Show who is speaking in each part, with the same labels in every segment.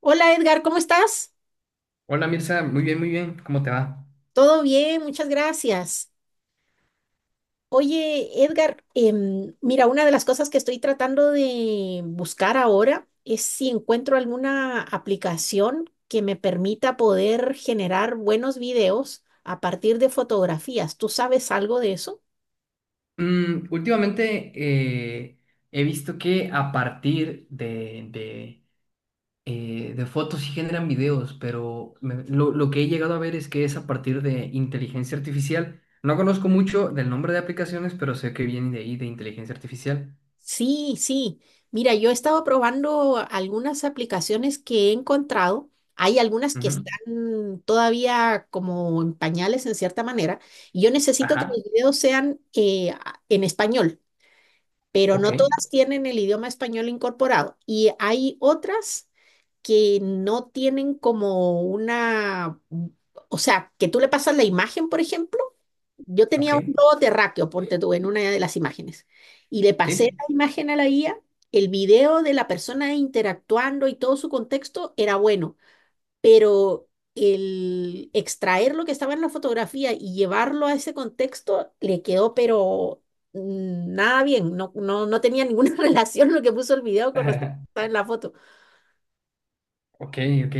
Speaker 1: Hola Edgar, ¿cómo estás?
Speaker 2: Hola Mirza, muy bien, ¿cómo te va?
Speaker 1: Todo bien, muchas gracias. Oye, Edgar, mira, una de las cosas que estoy tratando de buscar ahora es si encuentro alguna aplicación que me permita poder generar buenos videos a partir de fotografías. ¿Tú sabes algo de eso?
Speaker 2: Últimamente he visto que a partir de de fotos sí generan videos, pero lo que he llegado a ver es que es a partir de inteligencia artificial. No conozco mucho del nombre de aplicaciones, pero sé que viene de ahí, de inteligencia artificial.
Speaker 1: Sí, sí. Mira, yo he estado probando algunas aplicaciones que he encontrado. Hay algunas que
Speaker 2: Ujú.
Speaker 1: están todavía como en pañales en cierta manera. Y yo necesito que
Speaker 2: Ajá,
Speaker 1: los videos sean en español, pero
Speaker 2: ok,
Speaker 1: no todas tienen el idioma español incorporado. Y hay otras que no tienen como una, o sea, que tú le pasas la imagen, por ejemplo yo
Speaker 2: ok,
Speaker 1: tenía un globo terráqueo, ponte tú, en una de las imágenes. Y le pasé
Speaker 2: sí.
Speaker 1: la imagen a la guía, el video de la persona interactuando y todo su contexto era bueno, pero el extraer lo que estaba en la fotografía y llevarlo a ese contexto le quedó, pero nada bien, no, no, no tenía ninguna relación lo que puso el video con respecto a lo que estaba en la foto.
Speaker 2: Ok, ok.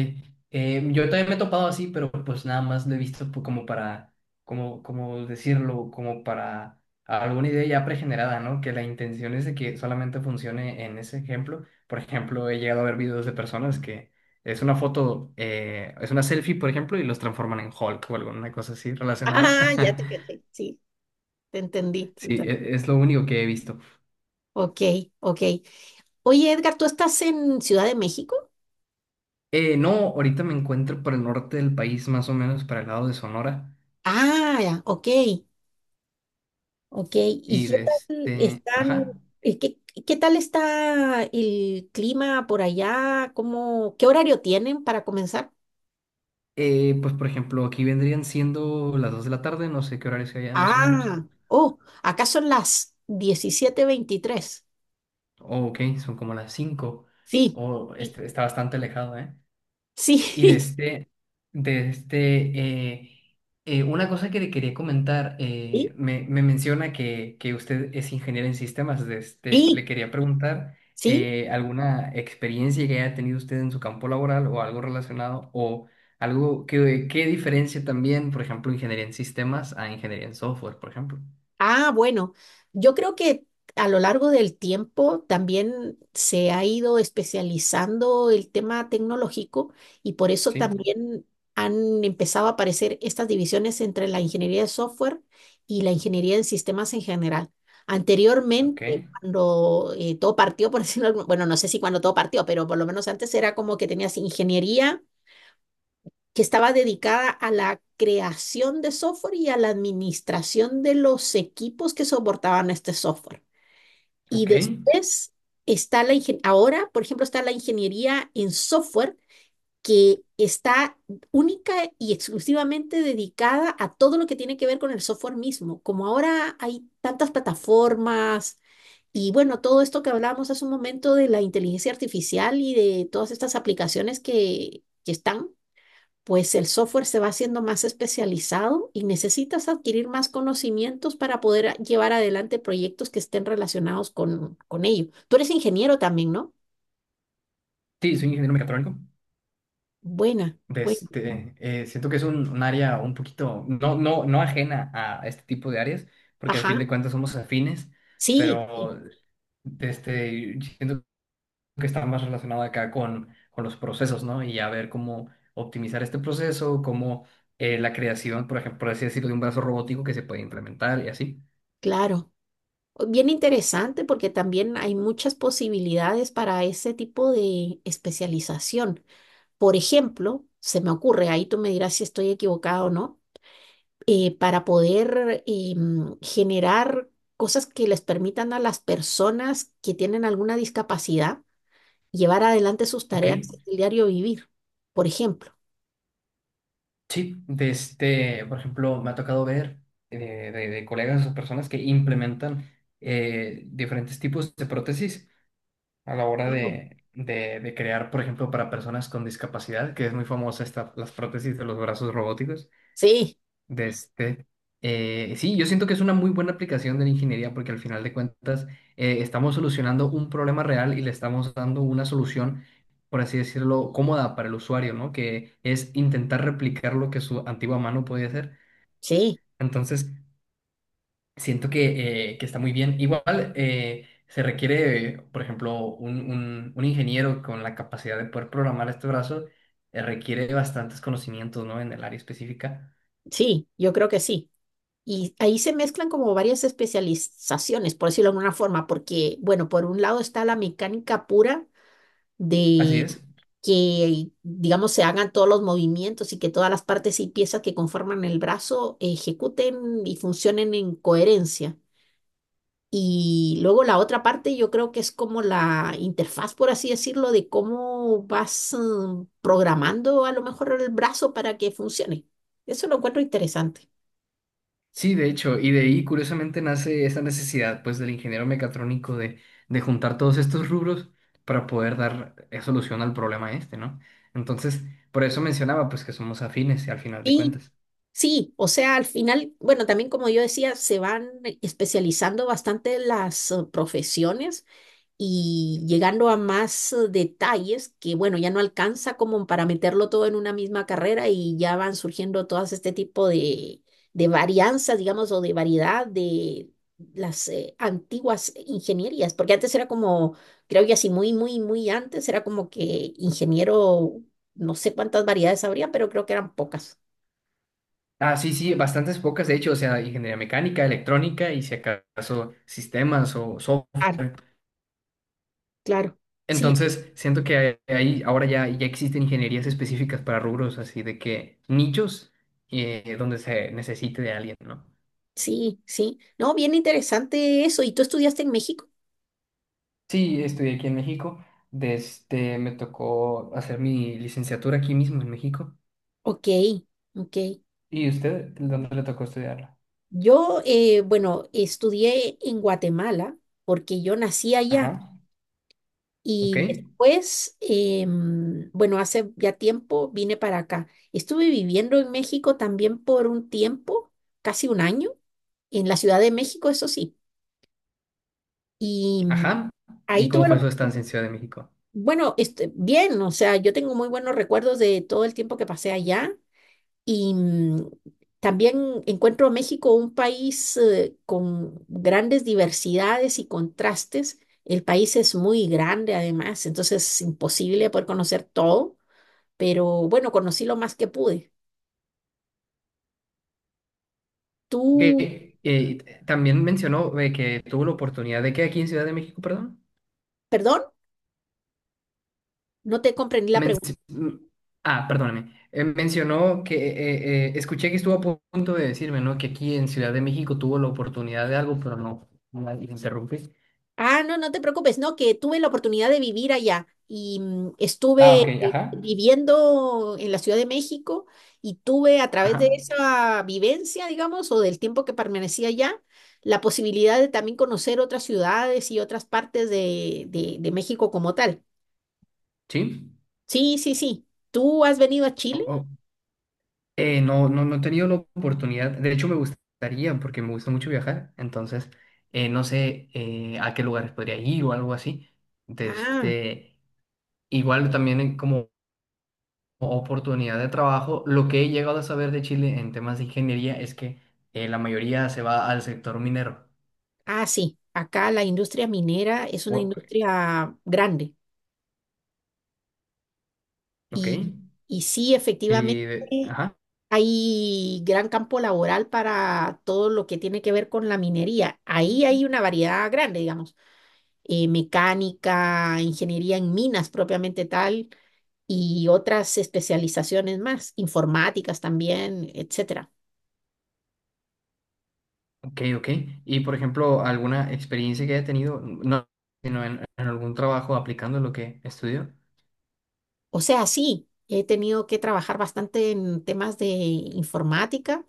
Speaker 2: Yo también me he topado así, pero pues nada más lo he visto como para, como, como decirlo, como para alguna idea ya pregenerada, ¿no? Que la intención es de que solamente funcione en ese ejemplo. Por ejemplo, he llegado a ver videos de personas que es una foto, es una selfie, por ejemplo, y los transforman en Hulk o alguna cosa así relacionada.
Speaker 1: Ah, ya te caché, sí, te entendí, te
Speaker 2: Sí,
Speaker 1: entendí.
Speaker 2: es lo único que he visto.
Speaker 1: Ok, ok. Oye, Edgar, ¿tú estás en Ciudad de México?
Speaker 2: No, ahorita me encuentro por el norte del país, más o menos para el lado de Sonora.
Speaker 1: Ah, ya, ok, ok. ¿Y
Speaker 2: Y
Speaker 1: qué
Speaker 2: de
Speaker 1: tal
Speaker 2: este,
Speaker 1: están,
Speaker 2: ajá.
Speaker 1: eh, qué, qué tal está el clima por allá? ¿Cómo, qué horario tienen para comenzar?
Speaker 2: Pues por ejemplo, aquí vendrían siendo las 2 de la tarde, no sé qué horario sea allá más o menos.
Speaker 1: Ah, oh, acá son las 17:23.
Speaker 2: Oh, ok, son como las cinco.
Speaker 1: Sí,
Speaker 2: O
Speaker 1: sí,
Speaker 2: este, está bastante alejado, ¿eh? Y
Speaker 1: sí,
Speaker 2: de este, una cosa que le quería comentar,
Speaker 1: sí,
Speaker 2: me menciona que usted es ingeniero en sistemas, de este,
Speaker 1: sí,
Speaker 2: le quería preguntar
Speaker 1: sí.
Speaker 2: alguna experiencia que haya tenido usted en su campo laboral o algo relacionado o algo que diferencia también, por ejemplo, ingeniería en sistemas a ingeniería en software, por ejemplo.
Speaker 1: Ah, bueno, yo creo que a lo largo del tiempo también se ha ido especializando el tema tecnológico y por eso
Speaker 2: Sí,
Speaker 1: también han empezado a aparecer estas divisiones entre la ingeniería de software y la ingeniería en sistemas en general.
Speaker 2: ok,
Speaker 1: Anteriormente, cuando todo partió, por decirlo, bueno, no sé si cuando todo partió, pero por lo menos antes era como que tenías ingeniería que estaba dedicada a la creación de software y a la administración de los equipos que soportaban este software. Y
Speaker 2: ok.
Speaker 1: después ahora, por ejemplo, está la ingeniería en software que está única y exclusivamente dedicada a todo lo que tiene que ver con el software mismo. Como ahora hay tantas plataformas y bueno, todo esto que hablábamos hace un momento de la inteligencia artificial y de todas estas aplicaciones que están, pues el software se va haciendo más especializado y necesitas adquirir más conocimientos para poder llevar adelante proyectos que estén relacionados con ello. Tú eres ingeniero también, ¿no?
Speaker 2: Sí, soy ingeniero mecatrónico.
Speaker 1: Buena,
Speaker 2: De
Speaker 1: buena.
Speaker 2: este, siento que es un área un poquito, no, no, no ajena a este tipo de áreas, porque al
Speaker 1: Ajá.
Speaker 2: fin de cuentas somos afines,
Speaker 1: Sí, sí,
Speaker 2: pero de este, siento que está más relacionado acá con los procesos, ¿no? Y a ver cómo optimizar este proceso, cómo la creación, por ejemplo, por así decirlo, de un brazo robótico que se puede implementar y así.
Speaker 1: claro. Oh, bien interesante porque también hay muchas posibilidades para ese tipo de especialización. Por ejemplo, se me ocurre, ahí tú me dirás si estoy equivocado o no para poder generar cosas que les permitan a las personas que tienen alguna discapacidad llevar adelante sus
Speaker 2: Ok,
Speaker 1: tareas del diario vivir, por ejemplo.
Speaker 2: sí, de este, por ejemplo, me ha tocado ver de colegas o personas que implementan diferentes tipos de prótesis a la hora
Speaker 1: Ujú.
Speaker 2: de crear, por ejemplo, para personas con discapacidad, que es muy famosa esta, las prótesis de los brazos robóticos.
Speaker 1: Sí,
Speaker 2: De este, sí, yo siento que es una muy buena aplicación de la ingeniería porque al final de cuentas estamos solucionando un problema real y le estamos dando una solución, por así decirlo, cómoda para el usuario, ¿no? Que es intentar replicar lo que su antigua mano podía hacer.
Speaker 1: sí,
Speaker 2: Entonces, siento que está muy bien. Igual se requiere, por ejemplo, un ingeniero con la capacidad de poder programar este brazo, requiere bastantes conocimientos, ¿no? En el área específica.
Speaker 1: sí, yo creo que sí. Y ahí se mezclan como varias especializaciones, por decirlo de alguna forma, porque, bueno, por un lado está la mecánica pura
Speaker 2: Así
Speaker 1: de
Speaker 2: es.
Speaker 1: que, digamos, se hagan todos los movimientos y que todas las partes y piezas que conforman el brazo ejecuten y funcionen en coherencia. Y luego la otra parte yo creo que es como la interfaz, por así decirlo, de cómo vas programando a lo mejor el brazo para que funcione. Eso lo encuentro interesante.
Speaker 2: Sí, de hecho, y de ahí curiosamente nace esa necesidad, pues, del ingeniero mecatrónico de juntar todos estos rubros para poder dar solución al problema este, ¿no? Entonces, por eso mencionaba, pues, que somos afines al final de
Speaker 1: Sí,
Speaker 2: cuentas.
Speaker 1: sí, o sea, al final, bueno, también como yo decía, se van especializando bastante las profesiones y llegando a más detalles que, bueno, ya no alcanza como para meterlo todo en una misma carrera y ya van surgiendo todas este tipo de varianzas, digamos, o de variedad de las antiguas ingenierías, porque antes era como, creo que así muy, muy, muy antes era como que ingeniero, no sé cuántas variedades habría, pero creo que eran pocas.
Speaker 2: Ah, sí, sí, bastantes pocas, de hecho, o sea, ingeniería mecánica, electrónica y si acaso sistemas o software.
Speaker 1: Claro, claro. Sí,
Speaker 2: Entonces, siento que ahí ahora ya, ya existen ingenierías específicas para rubros, así de que nichos donde se necesite de alguien, ¿no?
Speaker 1: sí, sí. No, bien interesante eso. ¿Y tú estudiaste en México?
Speaker 2: Sí, estudié aquí en México, desde me tocó hacer mi licenciatura aquí mismo en México.
Speaker 1: Ok, ok.
Speaker 2: ¿Y usted dónde le tocó estudiarla?
Speaker 1: Yo, bueno, estudié en Guatemala porque yo nací allá
Speaker 2: Ajá, ok,
Speaker 1: y después, bueno, hace ya tiempo vine para acá. Estuve viviendo en México también por un tiempo, casi un año, en la Ciudad de México, eso sí. Y
Speaker 2: ajá. ¿Y
Speaker 1: ahí
Speaker 2: cómo
Speaker 1: tuve
Speaker 2: fue
Speaker 1: lo...
Speaker 2: su estancia en Ciudad de México?
Speaker 1: Bueno, este, bien, o sea, yo tengo muy buenos recuerdos de todo el tiempo que pasé allá. Y también encuentro a México un país con grandes diversidades y contrastes. El país es muy grande además, entonces es imposible poder conocer todo, pero bueno, conocí lo más que pude. Tú,
Speaker 2: Que también mencionó que tuvo la oportunidad de que aquí en Ciudad de México, perdón.
Speaker 1: perdón, no te comprendí la pregunta.
Speaker 2: Menci- mm, ah, perdóname. Mencionó que escuché que estuvo a punto de decirme, ¿no? Que aquí en Ciudad de México tuvo la oportunidad de algo, pero no. No la le interrumpí.
Speaker 1: Ah, no, no te preocupes, no, que tuve la oportunidad de vivir allá y
Speaker 2: Ah, ok,
Speaker 1: estuve
Speaker 2: ajá.
Speaker 1: viviendo en la Ciudad de México y tuve a través de
Speaker 2: Ajá.
Speaker 1: esa vivencia, digamos, o del tiempo que permanecí allá, la posibilidad de también conocer otras ciudades y otras partes de México como tal.
Speaker 2: Sí.
Speaker 1: Sí, sí, sí. ¿Tú has venido a
Speaker 2: O-
Speaker 1: Chile?
Speaker 2: o- no, no, no he tenido la oportunidad. De hecho, me gustaría, porque me gusta mucho viajar. Entonces, no sé a qué lugares podría ir o algo así. De
Speaker 1: Ah,
Speaker 2: este. Igual también como oportunidad de trabajo. Lo que he llegado a saber de Chile en temas de ingeniería es que la mayoría se va al sector minero.
Speaker 1: ah, sí. Acá la industria minera es una
Speaker 2: O-
Speaker 1: industria grande
Speaker 2: ok.
Speaker 1: y, y sí,
Speaker 2: Y
Speaker 1: efectivamente.
Speaker 2: ajá,
Speaker 1: Hay gran campo laboral para todo lo que tiene que ver con la minería. Ahí hay una variedad grande, digamos, mecánica, ingeniería en minas propiamente tal y otras especializaciones más, informáticas también, etcétera.
Speaker 2: ok, ok. Y por ejemplo, alguna experiencia que haya tenido, no, sino en algún trabajo aplicando lo que estudió.
Speaker 1: O sea, sí, he tenido que trabajar bastante en temas de informática.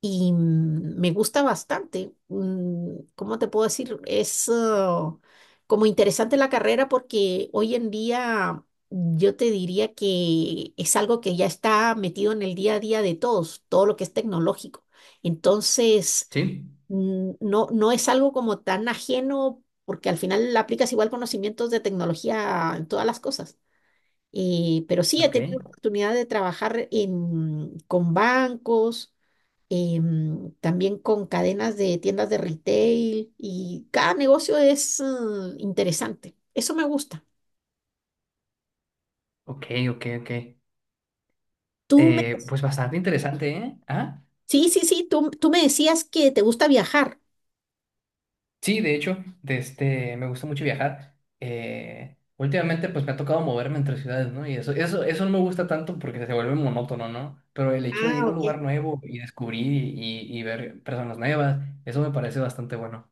Speaker 1: Y me gusta bastante. ¿Cómo te puedo decir? Es como interesante la carrera porque hoy en día yo te diría que es algo que ya está metido en el día a día de todos, todo lo que es tecnológico. Entonces,
Speaker 2: Sí,
Speaker 1: no, no es algo como tan ajeno porque al final aplicas igual conocimientos de tecnología en todas las cosas. Pero sí, he
Speaker 2: ok,
Speaker 1: tenido oportunidad de trabajar con bancos también con cadenas de tiendas de retail y cada negocio es interesante. Eso me gusta.
Speaker 2: ok, ok, ok.
Speaker 1: Tú me,
Speaker 2: Pues bastante interesante, ¿eh? ¿Ah?
Speaker 1: sí, sí, sí, tú me decías que te gusta viajar.
Speaker 2: Sí, de hecho, de este, me gusta mucho viajar. Últimamente, pues me ha tocado moverme entre ciudades, ¿no? Y eso no me gusta tanto porque se vuelve monótono, ¿no? Pero el hecho de
Speaker 1: Ah,
Speaker 2: ir a un
Speaker 1: ok.
Speaker 2: lugar nuevo y descubrir y, y ver personas nuevas, eso me parece bastante bueno.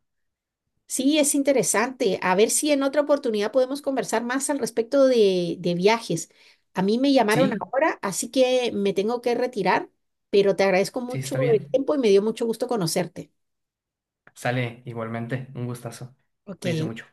Speaker 1: Sí, es interesante. A ver si en otra oportunidad podemos conversar más al respecto de viajes. A mí me llamaron
Speaker 2: Sí,
Speaker 1: ahora, así que me tengo que retirar, pero te agradezco
Speaker 2: sí, está
Speaker 1: mucho el
Speaker 2: bien.
Speaker 1: tiempo y me dio mucho gusto conocerte.
Speaker 2: Sale igualmente, un gustazo. Cuídese
Speaker 1: Ok.
Speaker 2: mucho.